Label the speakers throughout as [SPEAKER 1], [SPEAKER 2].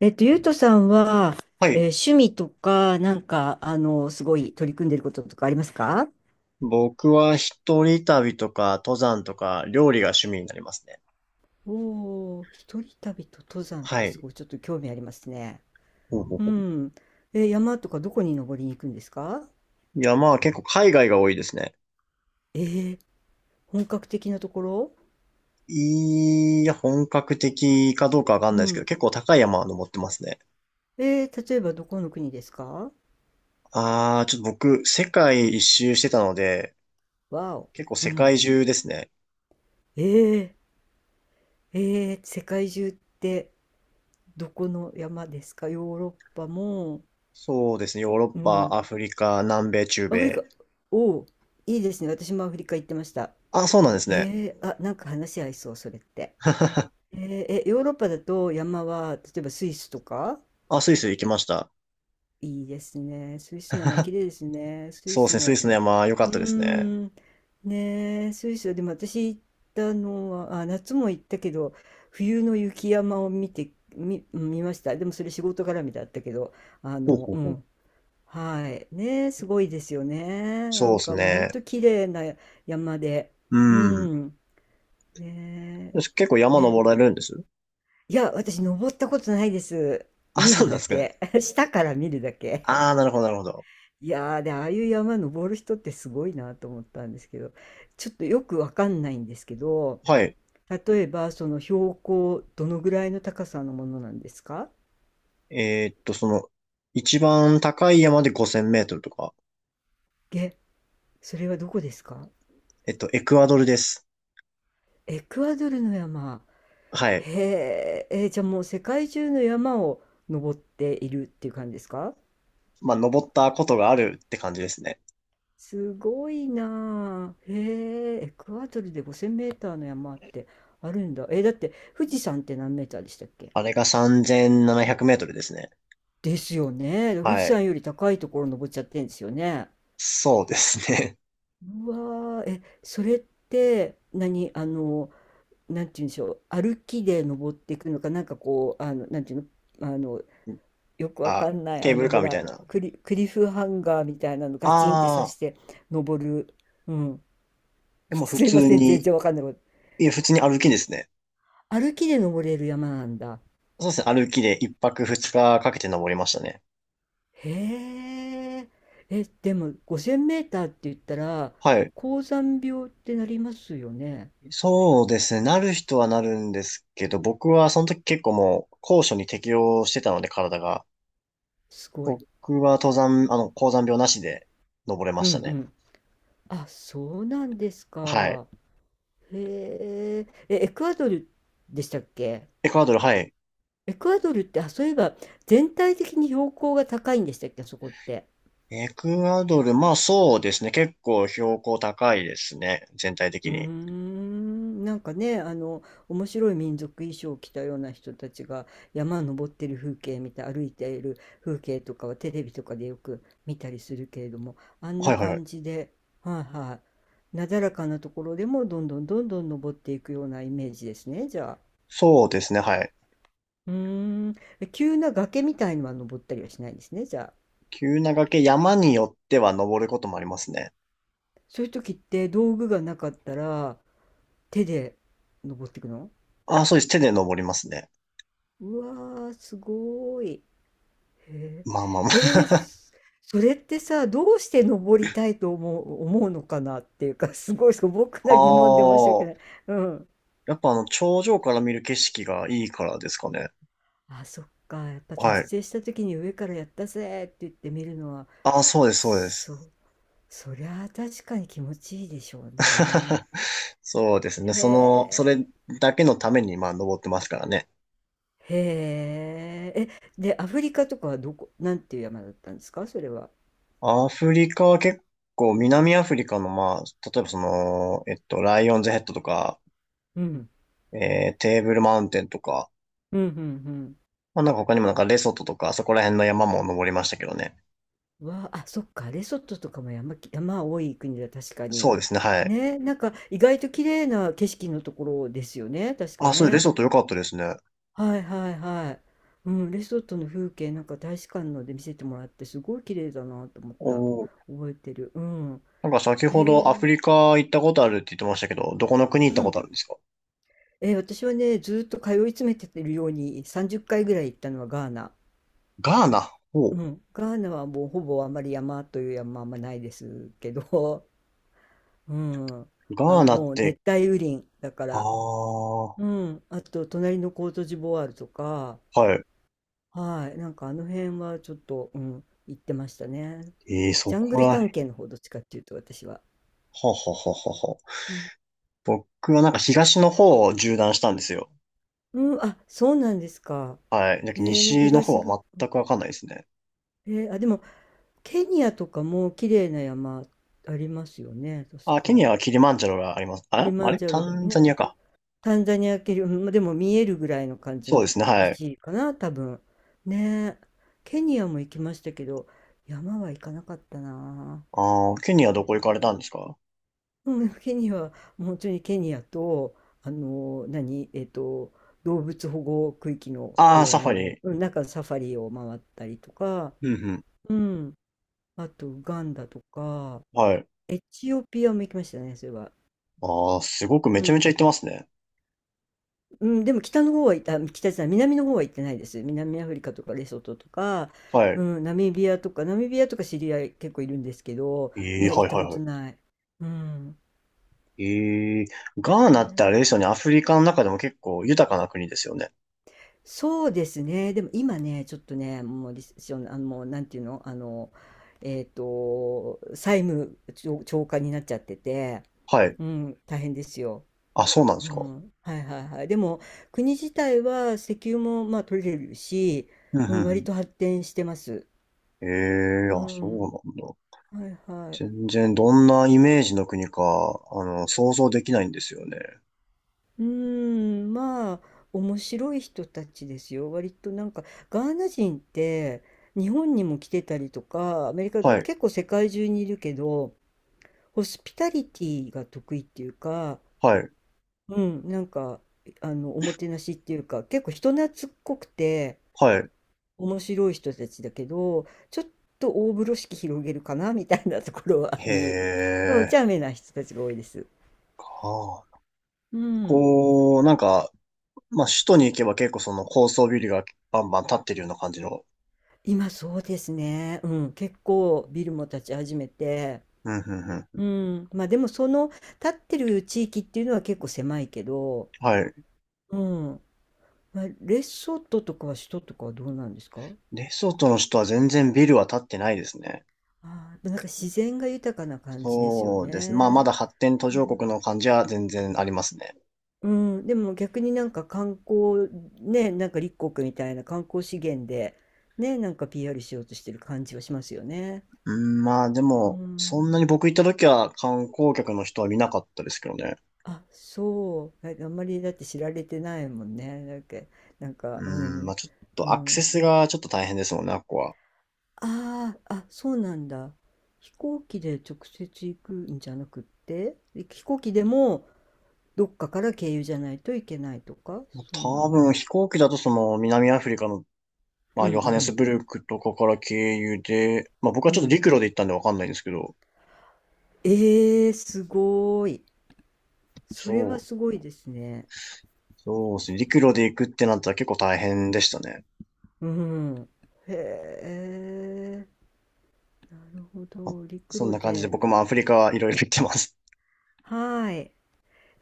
[SPEAKER 1] ゆうとさんは、
[SPEAKER 2] はい。
[SPEAKER 1] 趣味とか、なんか、すごい取り組んでることとかありますか？
[SPEAKER 2] 僕は一人旅とか登山とか料理が趣味になりますね。
[SPEAKER 1] おお、一人旅と登山っ
[SPEAKER 2] は
[SPEAKER 1] てす
[SPEAKER 2] い。
[SPEAKER 1] ごいちょっと興味ありますね。
[SPEAKER 2] ほうほう
[SPEAKER 1] う
[SPEAKER 2] ほ
[SPEAKER 1] ん。え、山とかどこに登りに行くんですか？
[SPEAKER 2] う。いや、まあ結構海外が多いですね。
[SPEAKER 1] えー、本格的なところ。
[SPEAKER 2] いや、本格的かどうかわかん
[SPEAKER 1] う
[SPEAKER 2] ないですけど、
[SPEAKER 1] ん。
[SPEAKER 2] 結構高い山は登ってますね。
[SPEAKER 1] 例えばどこの国ですか？
[SPEAKER 2] ああ、ちょっと僕、世界一周してたので、
[SPEAKER 1] わお。
[SPEAKER 2] 結構
[SPEAKER 1] う
[SPEAKER 2] 世界
[SPEAKER 1] ん。
[SPEAKER 2] 中ですね。
[SPEAKER 1] えー、世界中って、どこの山ですか？ヨーロッパも、
[SPEAKER 2] そうですね。ヨーロッ
[SPEAKER 1] う
[SPEAKER 2] パ、
[SPEAKER 1] ん。
[SPEAKER 2] アフリカ、南米、中
[SPEAKER 1] アフリ
[SPEAKER 2] 米。
[SPEAKER 1] カ、おお、いいですね。私もアフリカ行ってました。
[SPEAKER 2] あ、そうなんですね。
[SPEAKER 1] あ、なんか話合いそう、それって。ヨーロッパだと山は、例えばスイスとか。
[SPEAKER 2] あ、スイス行きました。
[SPEAKER 1] いいですね。スイスの山、綺麗ですね。スイ
[SPEAKER 2] そうで
[SPEAKER 1] ス
[SPEAKER 2] すね。ス
[SPEAKER 1] も。
[SPEAKER 2] イスの山、良か
[SPEAKER 1] う
[SPEAKER 2] っ
[SPEAKER 1] ー
[SPEAKER 2] たですね。
[SPEAKER 1] ん、ねえ、スイスは、でも私行ったのは、あ、夏も行ったけど、冬の雪山を見て、見ました。でもそれ仕事絡みだったけど、
[SPEAKER 2] ほうほう
[SPEAKER 1] う
[SPEAKER 2] ほう。
[SPEAKER 1] ん、はい。ねえ、すごいですよね。な
[SPEAKER 2] そう
[SPEAKER 1] ん
[SPEAKER 2] です
[SPEAKER 1] かもう本
[SPEAKER 2] ね。
[SPEAKER 1] 当綺麗な山で。
[SPEAKER 2] う
[SPEAKER 1] う
[SPEAKER 2] ん。
[SPEAKER 1] ん。
[SPEAKER 2] よ
[SPEAKER 1] ね
[SPEAKER 2] し結構
[SPEAKER 1] え。
[SPEAKER 2] 山
[SPEAKER 1] え、
[SPEAKER 2] 登られるんです？
[SPEAKER 1] いや、私登ったことないです。
[SPEAKER 2] あ、
[SPEAKER 1] 見
[SPEAKER 2] そ
[SPEAKER 1] る
[SPEAKER 2] うなん
[SPEAKER 1] だ
[SPEAKER 2] ですかね。
[SPEAKER 1] け。下から見るだけ。
[SPEAKER 2] ああ、なるほど、なるほど。
[SPEAKER 1] いやー、で、ああいう山登る人ってすごいなと思ったんですけど、ちょっとよくわかんないんですけど、
[SPEAKER 2] はい。
[SPEAKER 1] 例えばその標高どのぐらいの高さのものなんですか？
[SPEAKER 2] その、一番高い山で5000メートルとか、
[SPEAKER 1] え、それはどこですか？
[SPEAKER 2] エクアドルです。
[SPEAKER 1] エクアドルの山。
[SPEAKER 2] はい。
[SPEAKER 1] へえ、じゃあもう世界中の山を登っているっていう感じですか？
[SPEAKER 2] まあ、登ったことがあるって感じですね。
[SPEAKER 1] すごいなあ。へえ、エクアドルで5,000メーターの山ってあるんだ。だって富士山って何メーターでしたっけ？
[SPEAKER 2] あれが3700メートルですね。
[SPEAKER 1] ですよね。富士
[SPEAKER 2] はい。
[SPEAKER 1] 山より高いところ登っちゃってんですよね。
[SPEAKER 2] そうですね。
[SPEAKER 1] うわー、え、それって何、なんて言うんでしょう、歩きで登っていくのか、なんかこう、なんていうの、よくわ
[SPEAKER 2] あ、
[SPEAKER 1] かんない
[SPEAKER 2] ケー
[SPEAKER 1] あ
[SPEAKER 2] ブル
[SPEAKER 1] の
[SPEAKER 2] カ
[SPEAKER 1] ほ
[SPEAKER 2] ーみた
[SPEAKER 1] ら
[SPEAKER 2] いな。
[SPEAKER 1] クリフハンガーみたいなのガチンって刺
[SPEAKER 2] ああ、
[SPEAKER 1] して登る、うん、
[SPEAKER 2] でも普
[SPEAKER 1] すいま
[SPEAKER 2] 通
[SPEAKER 1] せん全
[SPEAKER 2] に、
[SPEAKER 1] 然わかんないこと。
[SPEAKER 2] いや、普通に歩きですね。
[SPEAKER 1] 歩きで登れる山なんだ。
[SPEAKER 2] そうですね。歩きで一泊二日かけて登りましたね。
[SPEAKER 1] へえ、えでも5,000メーターって言ったら
[SPEAKER 2] はい。
[SPEAKER 1] 高山病ってなりますよね？
[SPEAKER 2] そうですね。なる人はなるんですけど、僕はその時結構もう高所に適応してたので体が。
[SPEAKER 1] すごい。
[SPEAKER 2] 僕は登山、高山病なしで登れま
[SPEAKER 1] うん
[SPEAKER 2] し
[SPEAKER 1] う
[SPEAKER 2] たね。
[SPEAKER 1] ん。あ、そうなんです
[SPEAKER 2] はい。
[SPEAKER 1] か？へええ、エクアドルでしたっけ？
[SPEAKER 2] エクアドル、はい。
[SPEAKER 1] エクアドルって、あそういえば全体的に標高が高いんでしたっけ、あそこって？
[SPEAKER 2] エクアドル、まあそうですね。結構標高高いですね。全体
[SPEAKER 1] う
[SPEAKER 2] 的
[SPEAKER 1] ー
[SPEAKER 2] に。
[SPEAKER 1] ん、なんかね、面白い民族衣装を着たような人たちが山登ってる風景見て歩いている風景とかはテレビとかでよく見たりするけれども、あん
[SPEAKER 2] は
[SPEAKER 1] な
[SPEAKER 2] いはいはい。
[SPEAKER 1] 感じで、はいはい、なだらかなところでもどんどんどんどん登っていくようなイメージですね、じゃあ。
[SPEAKER 2] そうですね、はい。
[SPEAKER 1] うーん、急な崖みたいのは登ったりはしないんですね、じゃあ。
[SPEAKER 2] 急な崖、山によっては登ることもありますね。
[SPEAKER 1] そういう時って道具がなかったら手で登っていくの？
[SPEAKER 2] あ、そうです。手で登りますね。
[SPEAKER 1] うわー、すごーい。へ
[SPEAKER 2] まあまあま
[SPEAKER 1] え、
[SPEAKER 2] あ。
[SPEAKER 1] それってさ、どうして登りたいと思うのかなっていうか、すごい素朴 な疑問で申し訳
[SPEAKER 2] あ
[SPEAKER 1] ない。
[SPEAKER 2] あ、
[SPEAKER 1] うん。
[SPEAKER 2] やっぱ頂上から見る景色がいいからですかね。
[SPEAKER 1] あ、そっか。やっぱ達
[SPEAKER 2] はい。
[SPEAKER 1] 成した時に上からやったぜって言ってみるのは、
[SPEAKER 2] あ、そうです、そうで
[SPEAKER 1] そ
[SPEAKER 2] す。
[SPEAKER 1] そりゃあ確かに気持ちいいでしょうね。
[SPEAKER 2] そうですね。
[SPEAKER 1] へ
[SPEAKER 2] その、そ
[SPEAKER 1] え、
[SPEAKER 2] れだけのために、まあ、登ってますからね。
[SPEAKER 1] へえ。え、で、アフリカとかはどこ、なんていう山だったんですか、それは。
[SPEAKER 2] アフリカは結構、南アフリカの、まあ、例えばその、ライオンズヘッドとか、
[SPEAKER 1] うん、
[SPEAKER 2] テーブルマウンテンとか、
[SPEAKER 1] うん、うん、うん。
[SPEAKER 2] まあ、なんか他にもなんかレソトとか、そこら辺の山も登りましたけどね。
[SPEAKER 1] わあ、あ、そっか、レソトとかも山多い国だ、確かに。
[SPEAKER 2] そうですね、はい。
[SPEAKER 1] ね、なんか意外と綺麗な景色のところですよね、確か
[SPEAKER 2] あ、そう、レ
[SPEAKER 1] ね。
[SPEAKER 2] ソト良かったですね。
[SPEAKER 1] はいはいはい。うん、レソトの風景なんか大使館ので見せてもらってすごい綺麗だなと思っ
[SPEAKER 2] お
[SPEAKER 1] た。
[SPEAKER 2] ー。
[SPEAKER 1] 覚えてる。うん。
[SPEAKER 2] なんか先
[SPEAKER 1] へ
[SPEAKER 2] ほど
[SPEAKER 1] え。
[SPEAKER 2] アフリカ行ったことあるって言ってましたけど、どこの国行っ
[SPEAKER 1] う
[SPEAKER 2] たこ
[SPEAKER 1] ん。
[SPEAKER 2] とあるんですか？
[SPEAKER 1] 私はね、ずーっと通い詰めてるように30回ぐらい行ったのはガーナ。
[SPEAKER 2] ガーナ。お
[SPEAKER 1] う
[SPEAKER 2] う。
[SPEAKER 1] ん。ガーナはもうほぼあまり山という山はあんまないですけど、うん。
[SPEAKER 2] ガ
[SPEAKER 1] あ、
[SPEAKER 2] ーナっ
[SPEAKER 1] もう熱
[SPEAKER 2] て。
[SPEAKER 1] 帯雨林だか
[SPEAKER 2] あ
[SPEAKER 1] ら。
[SPEAKER 2] あ、は
[SPEAKER 1] うん。あと、隣のコートジボワールとか、
[SPEAKER 2] い。
[SPEAKER 1] はい。なんかあの辺はちょっと、うん、行ってましたね。
[SPEAKER 2] ええ、そ
[SPEAKER 1] ジャング
[SPEAKER 2] こ
[SPEAKER 1] ル
[SPEAKER 2] らへん。は
[SPEAKER 1] 探検の方、どっちかっていうと、私は。
[SPEAKER 2] ははあはあはあ。
[SPEAKER 1] うん。
[SPEAKER 2] 僕はなんか東の方を縦断したんですよ。
[SPEAKER 1] うん、あ、そうなんですか。
[SPEAKER 2] はい。だけど
[SPEAKER 1] へえ、
[SPEAKER 2] 西の方
[SPEAKER 1] 東が。
[SPEAKER 2] は全くわかんないですね。
[SPEAKER 1] へえ、あ、でも、ケニアとかも綺麗な山ありますよね、確
[SPEAKER 2] あ、ケ
[SPEAKER 1] か。
[SPEAKER 2] ニアはキリマンジャロがあります。あ
[SPEAKER 1] キ
[SPEAKER 2] れ
[SPEAKER 1] リマ
[SPEAKER 2] あ
[SPEAKER 1] ン
[SPEAKER 2] れ
[SPEAKER 1] ジャ
[SPEAKER 2] タ
[SPEAKER 1] ロが
[SPEAKER 2] ンザ
[SPEAKER 1] ね。
[SPEAKER 2] ニアか。
[SPEAKER 1] タンザニア系より、うん、までも見えるぐらいの感じ
[SPEAKER 2] そう
[SPEAKER 1] の
[SPEAKER 2] ですね、は
[SPEAKER 1] 位
[SPEAKER 2] い。
[SPEAKER 1] 置かな、多分。ねえ。ケニアも行きましたけど、山は行かなかったな。
[SPEAKER 2] ああ、ケニアどこ行かれた
[SPEAKER 1] ね、
[SPEAKER 2] んですか？
[SPEAKER 1] うん、ケニアは、もう本当にケニアと、何、動物保護区域の
[SPEAKER 2] ああー、
[SPEAKER 1] 公
[SPEAKER 2] サファ
[SPEAKER 1] 園の、
[SPEAKER 2] リ。
[SPEAKER 1] うん、なんかサファリを回ったりとか、
[SPEAKER 2] うんうん。
[SPEAKER 1] うん、あとウガンダとか、
[SPEAKER 2] はい。
[SPEAKER 1] エチオピアも行きましたね、それは。
[SPEAKER 2] ああ、すごくめ
[SPEAKER 1] う
[SPEAKER 2] ちゃめ
[SPEAKER 1] ん
[SPEAKER 2] ちゃ行ってますね。
[SPEAKER 1] うん、でも北の方は行った、北じゃない、南の方は行ってないです。南アフリカとかレソトとか、
[SPEAKER 2] は
[SPEAKER 1] う
[SPEAKER 2] い。
[SPEAKER 1] ん、ナミビアとか、知り合い結構いるんですけど、
[SPEAKER 2] ええ、
[SPEAKER 1] 行
[SPEAKER 2] は
[SPEAKER 1] っ
[SPEAKER 2] い
[SPEAKER 1] た
[SPEAKER 2] はい
[SPEAKER 1] こ
[SPEAKER 2] は
[SPEAKER 1] と
[SPEAKER 2] い。
[SPEAKER 1] ない。うん。
[SPEAKER 2] ええ、ガ
[SPEAKER 1] え
[SPEAKER 2] ーナってあ
[SPEAKER 1] ー
[SPEAKER 2] れですよね。アフリカの中でも結構豊かな国ですよね。
[SPEAKER 1] そうですね。でも今ね、ちょっとね、もうリセッション、もうなんていうの、債務超過になっちゃってて、
[SPEAKER 2] はい。
[SPEAKER 1] うん、大変ですよ。
[SPEAKER 2] あ、そうなんで
[SPEAKER 1] う
[SPEAKER 2] すか。
[SPEAKER 1] ん、はいはいはい。でも、国自体は石油もまあ取れるし、
[SPEAKER 2] うんうん
[SPEAKER 1] うん、
[SPEAKER 2] う
[SPEAKER 1] 割
[SPEAKER 2] ん。
[SPEAKER 1] と発展してます。
[SPEAKER 2] ええ。
[SPEAKER 1] う
[SPEAKER 2] あ、そ
[SPEAKER 1] ん、
[SPEAKER 2] うなんだ。
[SPEAKER 1] はいはい。
[SPEAKER 2] 全然どんなイメージの国か、あの、想像できないんですよね。
[SPEAKER 1] うーん、まあ、面白い人たちですよ。割となんか、ガーナ人って、日本にも来てたりとか、アメリカで
[SPEAKER 2] はい、
[SPEAKER 1] 結構世界中にいるけど、ホスピタリティが得意っていうか、
[SPEAKER 2] はい、
[SPEAKER 1] うん、なんか、おもてなしっていうか、結構人懐っこくて、
[SPEAKER 2] はい。
[SPEAKER 1] 面白い人たちだけど、ちょっと大風呂敷広げるかな、みたいなところはあ
[SPEAKER 2] へ
[SPEAKER 1] り、お
[SPEAKER 2] え、
[SPEAKER 1] 茶目な人たちが多いです。
[SPEAKER 2] はあ。
[SPEAKER 1] うん。
[SPEAKER 2] こう、なんか、まあ、首都に行けば結構その高層ビルがバンバン立ってるような感じの。
[SPEAKER 1] 今そうですね。うん、結構ビルも建ち始めて、
[SPEAKER 2] うん、うん、う
[SPEAKER 1] う
[SPEAKER 2] ん。
[SPEAKER 1] ん、まあでもその建ってる地域っていうのは結構狭いけど、
[SPEAKER 2] はい。
[SPEAKER 1] うん、まあ、レソトとかは首都とかはどうなんですか？
[SPEAKER 2] レソトの首都は全然ビルは立ってないですね。
[SPEAKER 1] あー、なんか自然が豊かな感じですよ
[SPEAKER 2] そうですね。まあ、ま
[SPEAKER 1] ね。
[SPEAKER 2] だ発展途
[SPEAKER 1] う
[SPEAKER 2] 上
[SPEAKER 1] ん、
[SPEAKER 2] 国の感じは全然ありますね。
[SPEAKER 1] うん、でも逆になんか観光ね、なんか立国みたいな観光資源でね、なんか PR しようとしてる感じはしますよね。
[SPEAKER 2] うん、まあ、で
[SPEAKER 1] う
[SPEAKER 2] も、そ
[SPEAKER 1] ん、
[SPEAKER 2] んなに僕行った時は観光客の人は見なかったですけどね。
[SPEAKER 1] あ、そう。あ、あんまりだって知られてないもんね。だっけ、なんか、
[SPEAKER 2] う
[SPEAKER 1] う
[SPEAKER 2] ん、まあ
[SPEAKER 1] ん、
[SPEAKER 2] ちょっ
[SPEAKER 1] う
[SPEAKER 2] とアクセ
[SPEAKER 1] ん。
[SPEAKER 2] スがちょっと大変ですもんね、あっこは。
[SPEAKER 1] ああ、あ、そうなんだ。飛行機で直接行くんじゃなくって、飛行機でもどっかから経由じゃないといけないとか、
[SPEAKER 2] まあ
[SPEAKER 1] そん
[SPEAKER 2] 多
[SPEAKER 1] な。
[SPEAKER 2] 分飛行機だとその南アフリカの、ま
[SPEAKER 1] う
[SPEAKER 2] あ、
[SPEAKER 1] んう
[SPEAKER 2] ヨハネス
[SPEAKER 1] ん。
[SPEAKER 2] ブルクとかから経由で、まあ僕は
[SPEAKER 1] う
[SPEAKER 2] ちょっと
[SPEAKER 1] ん。
[SPEAKER 2] 陸路で行ったんでわかんないんですけど、
[SPEAKER 1] ええー、すごい。それは
[SPEAKER 2] そ
[SPEAKER 1] す
[SPEAKER 2] う、
[SPEAKER 1] ごいですね。
[SPEAKER 2] そうですね。陸路で行くってなったら結構大変でしたね。
[SPEAKER 1] うん。へえ、なるほ
[SPEAKER 2] まあ
[SPEAKER 1] ど。陸
[SPEAKER 2] そんな
[SPEAKER 1] 路
[SPEAKER 2] 感じで
[SPEAKER 1] で。
[SPEAKER 2] 僕もアフリカいろいろ行ってます。
[SPEAKER 1] はい。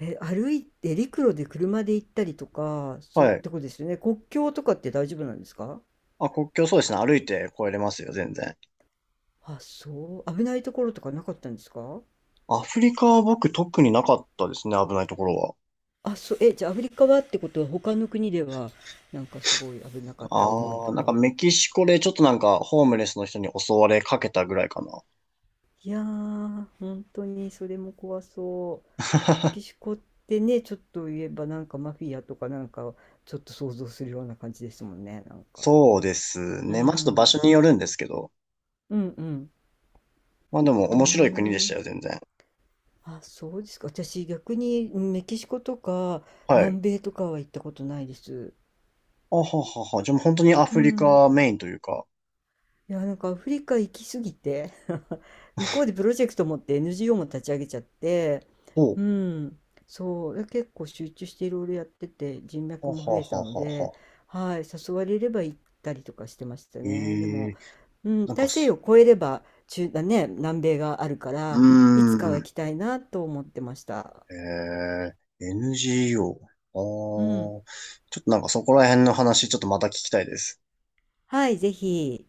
[SPEAKER 1] え、歩いて陸路で車で行ったりとか、そういっ
[SPEAKER 2] はい。
[SPEAKER 1] たことですよね。国境とかって大丈夫なんですか？
[SPEAKER 2] あ、国境そうですね。歩いて越えれますよ、全然。
[SPEAKER 1] あ、そう。危ないところとかなかったんですか？
[SPEAKER 2] アフリカは僕特になかったですね、危ないところは。
[SPEAKER 1] あ、そう。え、じゃあアフリカはってことは、他の国ではなんかすごい危なかった思い
[SPEAKER 2] ああ、
[SPEAKER 1] と
[SPEAKER 2] なんか
[SPEAKER 1] か。
[SPEAKER 2] メキシコでちょっとなんかホームレスの人に襲われかけたぐらいかな。
[SPEAKER 1] いやー、本当にそれも怖そう。メキシ コってね、ちょっと言えばなんかマフィアとかなんかちょっと想像するような感じですもんね、なんか。
[SPEAKER 2] そうです
[SPEAKER 1] う
[SPEAKER 2] ね。まあちょっと場所
[SPEAKER 1] ん。
[SPEAKER 2] によるんですけど。
[SPEAKER 1] うんうん。
[SPEAKER 2] まあでも
[SPEAKER 1] うー
[SPEAKER 2] 面白い国でしたよ、
[SPEAKER 1] ん。
[SPEAKER 2] 全然。
[SPEAKER 1] あ、そうですか。私逆にメキシコとか
[SPEAKER 2] はい。
[SPEAKER 1] 南米とかは行ったことないです。
[SPEAKER 2] あははは。じゃあもう本当にア
[SPEAKER 1] う
[SPEAKER 2] フリ
[SPEAKER 1] ん。
[SPEAKER 2] カメインというか。
[SPEAKER 1] いや、なんかアフリカ行きすぎて 向こうでプロジェクト持って NGO も立ち上げちゃって、
[SPEAKER 2] ほう。
[SPEAKER 1] うん。そう。結構集中していろいろやってて人
[SPEAKER 2] あ
[SPEAKER 1] 脈
[SPEAKER 2] は
[SPEAKER 1] も増
[SPEAKER 2] は
[SPEAKER 1] えたの
[SPEAKER 2] は
[SPEAKER 1] で、
[SPEAKER 2] は。
[SPEAKER 1] はい。誘われれば行ったりとかしてました
[SPEAKER 2] え
[SPEAKER 1] ね。でも、
[SPEAKER 2] えー。
[SPEAKER 1] うん。
[SPEAKER 2] なんか
[SPEAKER 1] 大西洋
[SPEAKER 2] す、
[SPEAKER 1] を越えれば中、だね、南米があるか
[SPEAKER 2] う
[SPEAKER 1] ら、いつかは
[SPEAKER 2] ーん。
[SPEAKER 1] 行きたいなと思ってました。
[SPEAKER 2] ええ NGO。
[SPEAKER 1] う
[SPEAKER 2] ああ。
[SPEAKER 1] ん。
[SPEAKER 2] ちょっとなんかそこら辺の話、ちょっとまた聞きたいです。
[SPEAKER 1] はい、ぜひ。